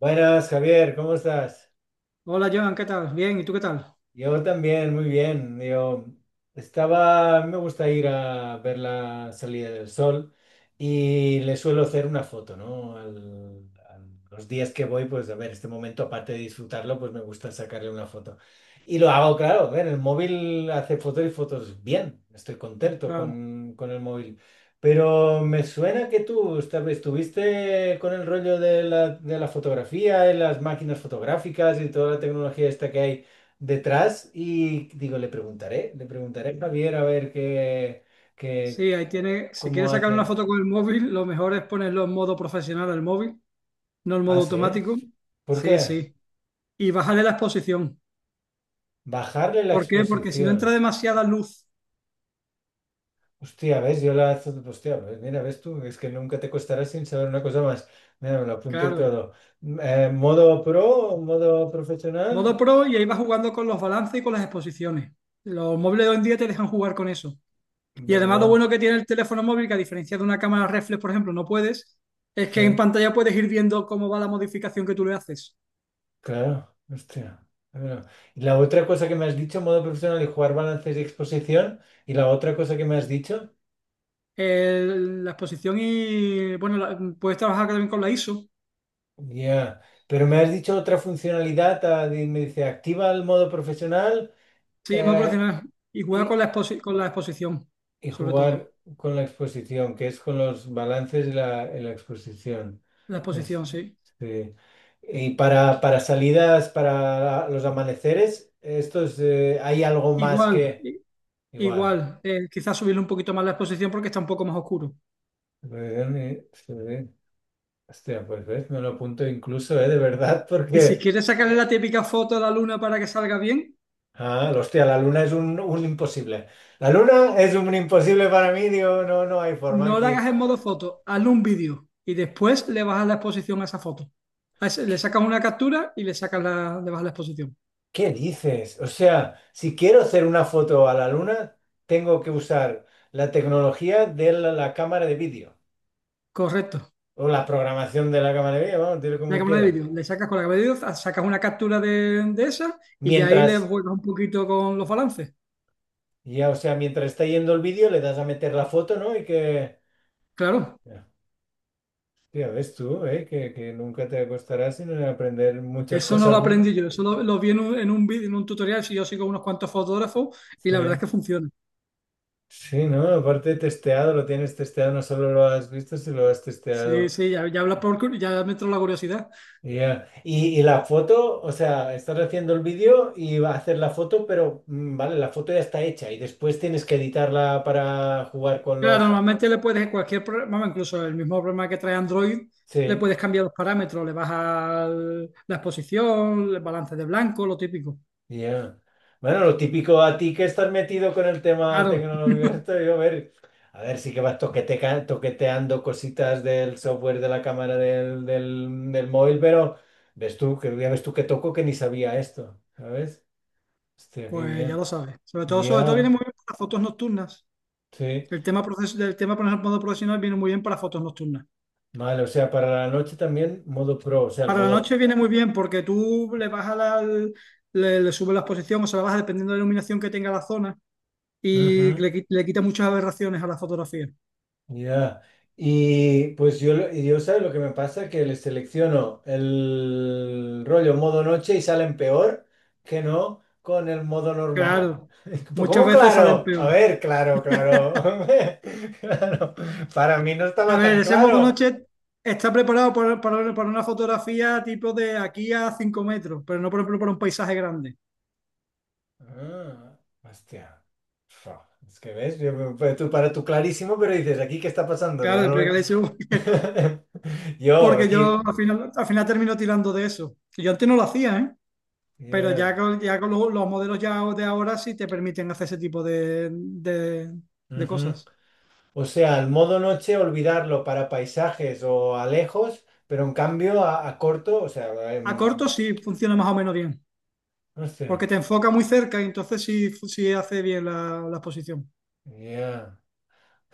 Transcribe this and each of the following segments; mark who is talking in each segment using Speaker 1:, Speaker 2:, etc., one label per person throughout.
Speaker 1: Buenas, Javier, ¿cómo estás?
Speaker 2: Hola Joan, ¿qué tal? Bien, ¿y tú qué tal?
Speaker 1: Yo también, muy bien. A mí me gusta ir a ver la salida del sol y le suelo hacer una foto, ¿no? Los días que voy, pues a ver, este momento, aparte de disfrutarlo, pues me gusta sacarle una foto. Y lo hago, claro, a ver, el móvil hace fotos y fotos bien, estoy contento
Speaker 2: Claro.
Speaker 1: con el móvil. Pero me suena que tú estuviste con el rollo de de la fotografía y las máquinas fotográficas y toda la tecnología esta que hay detrás y digo, le preguntaré a Javier a ver qué,
Speaker 2: Sí, ahí tiene, si quieres
Speaker 1: cómo
Speaker 2: sacar una
Speaker 1: hace.
Speaker 2: foto con el móvil, lo mejor es ponerlo en modo profesional al móvil, no en
Speaker 1: Ah,
Speaker 2: modo
Speaker 1: sí, ¿eh?
Speaker 2: automático.
Speaker 1: ¿Por
Speaker 2: Sí,
Speaker 1: qué?
Speaker 2: sí. Y bajarle la exposición.
Speaker 1: Bajarle la
Speaker 2: ¿Por qué? Porque si no entra
Speaker 1: exposición.
Speaker 2: demasiada luz,
Speaker 1: Hostia, ¿ves? Yo la... Hostia, pues mira, ¿ves tú? Es que nunca te costará sin saber una cosa más. Mira, me lo apunto y
Speaker 2: claro.
Speaker 1: todo. ¿Modo pro? ¿Modo profesional?
Speaker 2: Modo pro y ahí vas jugando con los balances y con las exposiciones. Los móviles de hoy en día te dejan jugar con eso. Y además lo
Speaker 1: Vale,
Speaker 2: bueno que tiene el teléfono móvil, que a diferencia de una cámara reflex, por ejemplo, no puedes, es
Speaker 1: sí,
Speaker 2: que en pantalla puedes ir viendo cómo va la modificación que tú le haces.
Speaker 1: claro. Hostia. Bueno, y la otra cosa que me has dicho, modo profesional y jugar balances y exposición. Y la otra cosa que me has dicho.
Speaker 2: La exposición y, bueno, puedes trabajar también con la ISO.
Speaker 1: Ya, pero me has dicho otra funcionalidad, ah, me dice activa el modo profesional,
Speaker 2: Sí, modo
Speaker 1: eh,
Speaker 2: profesional. Y juega con
Speaker 1: y,
Speaker 2: con la exposición,
Speaker 1: y
Speaker 2: sobre
Speaker 1: jugar
Speaker 2: todo.
Speaker 1: con la exposición, que es con los balances de en la exposición.
Speaker 2: La
Speaker 1: Es-
Speaker 2: exposición, sí.
Speaker 1: sí. Y para salidas, para los amaneceres, esto es, hay algo más
Speaker 2: Igual,
Speaker 1: que
Speaker 2: i-
Speaker 1: igual.
Speaker 2: igual. eh, quizás subirle un poquito más la exposición porque está un poco más oscuro.
Speaker 1: Sí. Hostia, pues ves, me lo apunto incluso, de verdad,
Speaker 2: Y si
Speaker 1: porque...
Speaker 2: quieres sacarle la típica foto a la luna para que salga bien,
Speaker 1: Ah, hostia, la luna es un imposible. La luna es un imposible para mí, digo, no, no hay forma
Speaker 2: no la
Speaker 1: aquí.
Speaker 2: hagas en modo foto, hazle un vídeo y después le bajas la exposición a esa foto. Le
Speaker 1: ¿Qué,
Speaker 2: sacas una captura y le sacas le bajas la exposición.
Speaker 1: qué dices? O sea, si quiero hacer una foto a la luna, tengo que usar la tecnología de la cámara de vídeo
Speaker 2: Correcto.
Speaker 1: o la programación de la cámara de vídeo, vamos, dile
Speaker 2: Una
Speaker 1: como
Speaker 2: cámara de
Speaker 1: quieras.
Speaker 2: vídeo, le sacas con la cámara de vídeo, sacas una captura de esa y ya ahí le
Speaker 1: Mientras,
Speaker 2: juegas un poquito con los balances.
Speaker 1: ya, o sea, mientras está yendo el vídeo, le das a meter la foto, ¿no? Y que...
Speaker 2: Claro,
Speaker 1: Hostia, ves tú, ¿eh? Que nunca te acostarás sin aprender muchas
Speaker 2: eso no lo
Speaker 1: cosas.
Speaker 2: aprendí yo, eso lo vi en un vídeo, en un tutorial, si yo sigo unos cuantos fotógrafos y
Speaker 1: Sí.
Speaker 2: la verdad es que funciona.
Speaker 1: Sí, ¿no? Aparte testeado, lo tienes testeado, no solo lo has visto, sino lo has
Speaker 2: Sí,
Speaker 1: testeado.
Speaker 2: sí, ya hablas por, ya me entró la curiosidad.
Speaker 1: Ya. Y la foto, o sea, estás haciendo el vídeo y va a hacer la foto, pero vale, la foto ya está hecha y después tienes que editarla para jugar con
Speaker 2: Claro,
Speaker 1: los...
Speaker 2: normalmente le puedes cualquier programa, incluso el mismo programa que trae Android, le
Speaker 1: Sí.
Speaker 2: puedes cambiar los parámetros, le bajas la exposición, el balance de blanco, lo típico.
Speaker 1: Ya. Bueno, lo típico a ti que estás metido con el tema
Speaker 2: Claro,
Speaker 1: tecnológico, esto, yo a ver, sí que vas toqueteando cositas del software de la cámara del móvil, pero ves tú, que ya ves tú que toco que ni sabía esto, ¿sabes? Hostia, qué
Speaker 2: pues ya lo
Speaker 1: bien.
Speaker 2: sabes. Sobre todo viene
Speaker 1: Ya,
Speaker 2: muy bien para fotos nocturnas.
Speaker 1: sí.
Speaker 2: El tema, el tema por ejemplo, profesional viene muy bien para fotos nocturnas.
Speaker 1: Vale, o sea, para la noche también modo pro, o sea, el
Speaker 2: Para la
Speaker 1: modo...
Speaker 2: noche viene muy bien porque tú le bajas le subes la exposición o se la bajas dependiendo de la iluminación que tenga la zona y
Speaker 1: Ujú.
Speaker 2: le quita muchas aberraciones a la fotografía.
Speaker 1: Ya, y pues yo, yo sabes lo que me pasa, que les selecciono el rollo modo noche y salen peor que no con el modo normal.
Speaker 2: Claro,
Speaker 1: Pues,
Speaker 2: muchas
Speaker 1: ¿cómo
Speaker 2: veces salen
Speaker 1: claro? A
Speaker 2: peor.
Speaker 1: ver, claro, claro. Claro, para mí no
Speaker 2: A
Speaker 1: estaba
Speaker 2: ver,
Speaker 1: tan
Speaker 2: ese modo
Speaker 1: claro.
Speaker 2: noche está preparado para una fotografía tipo de aquí a 5 metros, pero no por ejemplo para un paisaje grande.
Speaker 1: Ah, hostia. Fua, es que ves, para tú clarísimo, pero dices, ¿aquí qué está pasando? Yo no
Speaker 2: Claro,
Speaker 1: lo
Speaker 2: pero que
Speaker 1: veo.
Speaker 2: le hice
Speaker 1: Yo,
Speaker 2: porque yo
Speaker 1: aquí.
Speaker 2: al final termino tirando de eso. Y yo antes no lo hacía, ¿eh? Pero
Speaker 1: Yeah.
Speaker 2: ya con los modelos ya de ahora sí te permiten hacer ese tipo de cosas.
Speaker 1: O sea, el modo noche olvidarlo para paisajes o a lejos, pero en cambio a corto, o sea,
Speaker 2: A corto sí funciona más o menos bien,
Speaker 1: no sé,
Speaker 2: porque te enfoca muy cerca y entonces sí, sí hace bien la exposición.
Speaker 1: ya.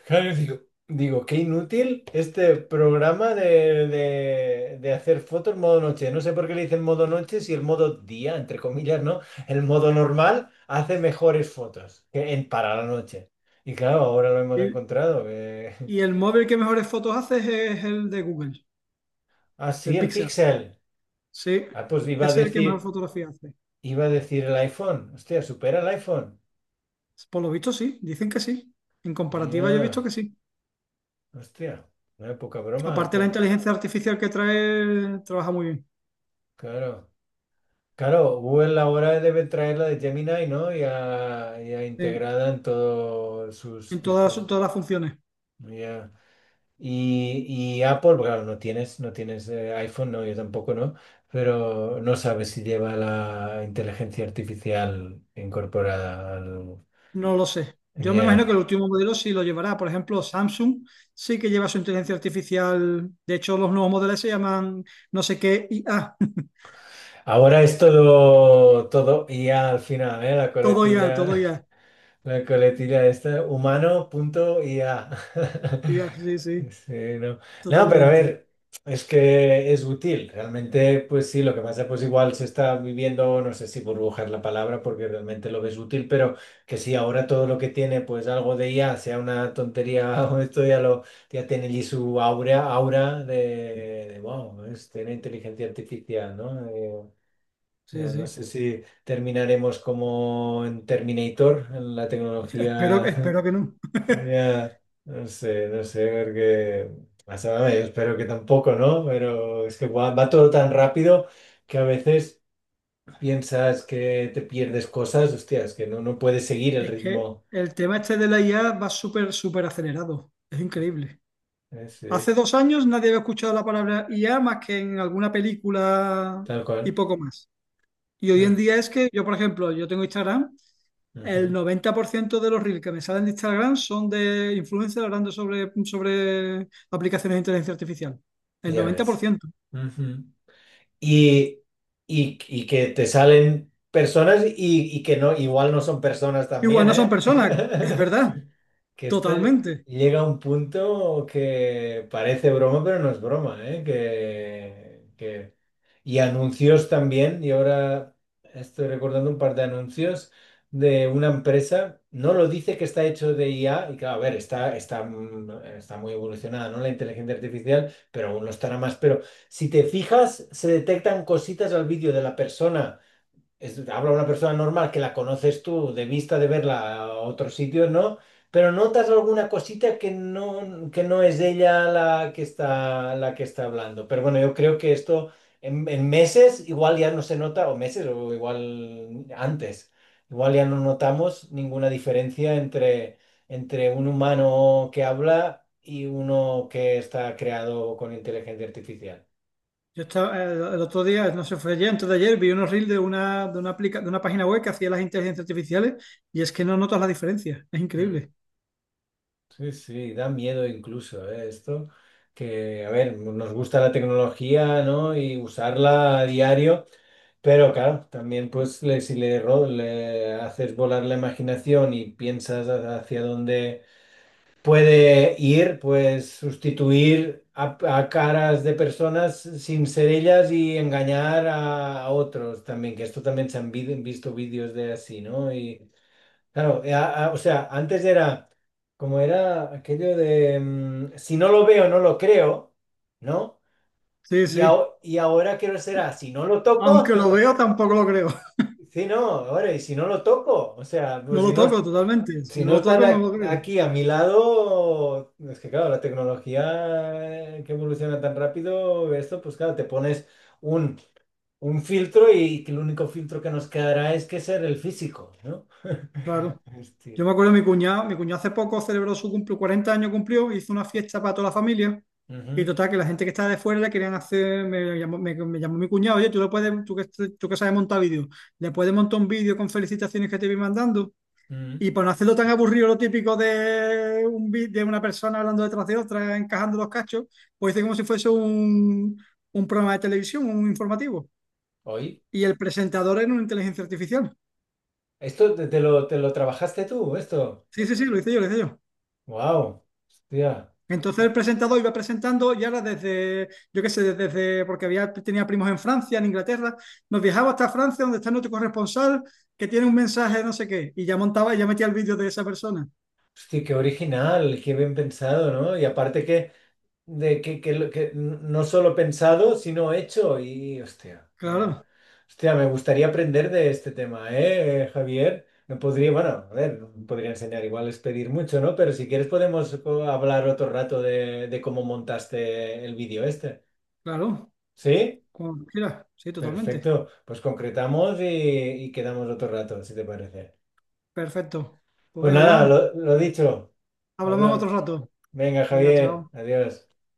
Speaker 1: Claro, digo, digo, qué inútil este programa de hacer fotos modo noche. No sé por qué le dicen modo noche si el modo día, entre comillas, ¿no? El modo normal hace mejores fotos que en, para la noche. Y claro, ahora lo hemos
Speaker 2: Y,
Speaker 1: encontrado.
Speaker 2: y el móvil que mejores fotos hace es el de Google,
Speaker 1: Ah, sí,
Speaker 2: el
Speaker 1: el
Speaker 2: Pixel.
Speaker 1: pixel.
Speaker 2: Sí,
Speaker 1: Ah, pues iba a
Speaker 2: es el que
Speaker 1: decir.
Speaker 2: mejor fotografía hace.
Speaker 1: Iba a decir el iPhone. Hostia, supera el iPhone.
Speaker 2: Por lo visto sí, dicen que sí. En comparativa yo he visto
Speaker 1: Ya,
Speaker 2: que sí.
Speaker 1: hostia, una poca broma.
Speaker 2: Aparte la
Speaker 1: Co-
Speaker 2: inteligencia artificial que trae, trabaja muy bien.
Speaker 1: Claro. Claro, Google ahora debe traer la de Gemini, ¿no? Ya, ya
Speaker 2: Sí,
Speaker 1: integrada en todos sus
Speaker 2: en todas,
Speaker 1: dispositivos.
Speaker 2: todas las funciones.
Speaker 1: ¿No? Ya. Y, y Apple, pues claro, no tienes, no tienes iPhone, no, yo tampoco, ¿no? Pero no sabes si lleva la inteligencia artificial incorporada al...
Speaker 2: No lo sé. Yo me imagino
Speaker 1: Ya.
Speaker 2: que el último modelo sí lo llevará. Por ejemplo, Samsung sí que lleva su inteligencia artificial. De hecho, los nuevos modelos se llaman no sé qué IA.
Speaker 1: Ahora es todo, todo IA al final, ¿eh? La
Speaker 2: Todo IA, todo
Speaker 1: coletilla.
Speaker 2: IA.
Speaker 1: La coletilla esta, humano.ia.
Speaker 2: IA, sí, sí,
Speaker 1: Sí, no. No, pero a
Speaker 2: totalmente.
Speaker 1: ver, es que es útil. Realmente, pues sí, lo que pasa, pues igual se está viviendo, no sé si burbujar la palabra, porque realmente lo ves útil, pero que si ahora todo lo que tiene, pues algo de IA, sea una tontería o esto ya lo, ya tiene allí su aura, aura de, wow, es, tiene inteligencia artificial, ¿no?
Speaker 2: Sí,
Speaker 1: Yo no
Speaker 2: sí.
Speaker 1: sé si terminaremos como en Terminator, en la
Speaker 2: Espero,
Speaker 1: tecnología.
Speaker 2: espero que no.
Speaker 1: Ya, no sé, no sé, porque... O sea, yo espero que tampoco, ¿no? Pero es que va, va todo tan rápido que a veces piensas que te pierdes cosas, hostias, que no, no puedes seguir el
Speaker 2: Es que
Speaker 1: ritmo.
Speaker 2: el tema este de la IA va súper, súper acelerado. Es increíble. Hace
Speaker 1: Sí,
Speaker 2: 2 años nadie había escuchado la palabra IA más que en alguna película
Speaker 1: tal
Speaker 2: y
Speaker 1: cual.
Speaker 2: poco más. Y hoy
Speaker 1: Ah,
Speaker 2: en día es que yo, por ejemplo, yo tengo Instagram. El
Speaker 1: ujú,
Speaker 2: 90% de los reels que me salen de Instagram son de influencers hablando sobre aplicaciones de inteligencia artificial. El
Speaker 1: ya
Speaker 2: noventa por
Speaker 1: ves.
Speaker 2: ciento
Speaker 1: Ujú. y, y que te salen personas y que no, igual no son personas
Speaker 2: Igual
Speaker 1: también,
Speaker 2: no son
Speaker 1: ¿eh?
Speaker 2: personas, es verdad,
Speaker 1: Que esto
Speaker 2: totalmente.
Speaker 1: llega a un punto que parece broma, pero no es broma, ¿eh? Que Y anuncios también, y ahora estoy recordando un par de anuncios de una empresa, no lo dice que está hecho de IA, y claro, a ver, está muy evolucionada, ¿no? La inteligencia artificial, pero aún lo estará más. Pero si te fijas, se detectan cositas al vídeo de la persona habla una persona normal que la conoces tú de vista de verla a otros sitios, ¿no? Pero notas alguna cosita que no es ella la que está hablando. Pero bueno, yo creo que esto en meses igual ya no se nota, o meses o igual antes, igual ya no notamos ninguna diferencia entre, entre un humano que habla y uno que está creado con inteligencia artificial.
Speaker 2: Yo estaba, el otro día, no sé, fue ayer, antes de ayer, vi unos reels de una página web que hacía las inteligencias artificiales y es que no notas la diferencia. Es
Speaker 1: Mm.
Speaker 2: increíble.
Speaker 1: Sí, sí, da miedo incluso, ¿eh? Esto, que, a ver, nos gusta la tecnología, ¿no? Y usarla a diario, pero claro, también pues si le, le haces volar la imaginación y piensas hacia dónde puede ir, pues sustituir a caras de personas sin ser ellas y engañar a otros también, que esto también se han visto vídeos de así, ¿no? Claro, o sea, antes era como era aquello de si no lo veo, no lo creo, ¿no?
Speaker 2: Sí,
Speaker 1: Y,
Speaker 2: sí.
Speaker 1: y ahora quiero ser a si no lo toco,
Speaker 2: Aunque lo veo, tampoco lo creo.
Speaker 1: sí, no, ahora, y si no lo toco, o sea,
Speaker 2: No
Speaker 1: pues si
Speaker 2: lo
Speaker 1: no,
Speaker 2: toco totalmente. Si
Speaker 1: si
Speaker 2: no
Speaker 1: no
Speaker 2: lo
Speaker 1: están
Speaker 2: toco, no lo creo.
Speaker 1: aquí a mi lado, es que claro, la tecnología que evoluciona tan rápido, esto, pues claro, te pones un, un filtro y que el único filtro que nos quedará es que ser el físico, ¿no?
Speaker 2: Claro. Yo
Speaker 1: Este,
Speaker 2: me acuerdo de mi cuñado hace poco celebró su cumple, 40 años cumplió, hizo una fiesta para toda la familia y
Speaker 1: ujú,
Speaker 2: total que la gente que estaba de fuera le querían hacer, me llamó, me llamó mi cuñado, oye, tú le puedes, tú que sabes montar vídeo, le puedes montar un vídeo con felicitaciones que te vi mandando
Speaker 1: mm.
Speaker 2: y para no hacerlo tan aburrido lo típico de, de una persona hablando detrás de otra, encajando los cachos, pues hice como si fuese un programa de televisión, un informativo
Speaker 1: Hoy,
Speaker 2: y el presentador era una inteligencia artificial.
Speaker 1: esto te lo trabajaste tú, esto.
Speaker 2: Sí, sí, sí, lo hice yo, lo hice yo.
Speaker 1: Wow, hostia,
Speaker 2: Entonces el presentador iba presentando y ahora desde, yo qué sé, porque había, tenía primos en Francia, en Inglaterra, nos viajaba hasta Francia, donde está nuestro corresponsal, que tiene un mensaje de no sé qué, y ya montaba y ya metía el vídeo de esa persona.
Speaker 1: hostia, qué original, qué bien pensado, ¿no? Y aparte que, de, que, lo- que no solo pensado, sino hecho. Y hostia, no,
Speaker 2: Claro,
Speaker 1: hostia, me gustaría aprender de este tema, ¿eh, Javier? Me podría, bueno, a ver, no podría enseñar, igual es pedir mucho, ¿no? Pero si quieres podemos hablar otro rato de cómo montaste el vídeo este.
Speaker 2: claro,
Speaker 1: ¿Sí?
Speaker 2: como quieras, sí, totalmente.
Speaker 1: Perfecto, pues concretamos y quedamos otro rato, si te parece.
Speaker 2: Perfecto. Pues
Speaker 1: Pues
Speaker 2: venga,
Speaker 1: nada,
Speaker 2: Joan,
Speaker 1: lo dicho,
Speaker 2: hablamos en otro
Speaker 1: habla.
Speaker 2: rato.
Speaker 1: Venga,
Speaker 2: Venga,
Speaker 1: Javier,
Speaker 2: chao.
Speaker 1: adiós.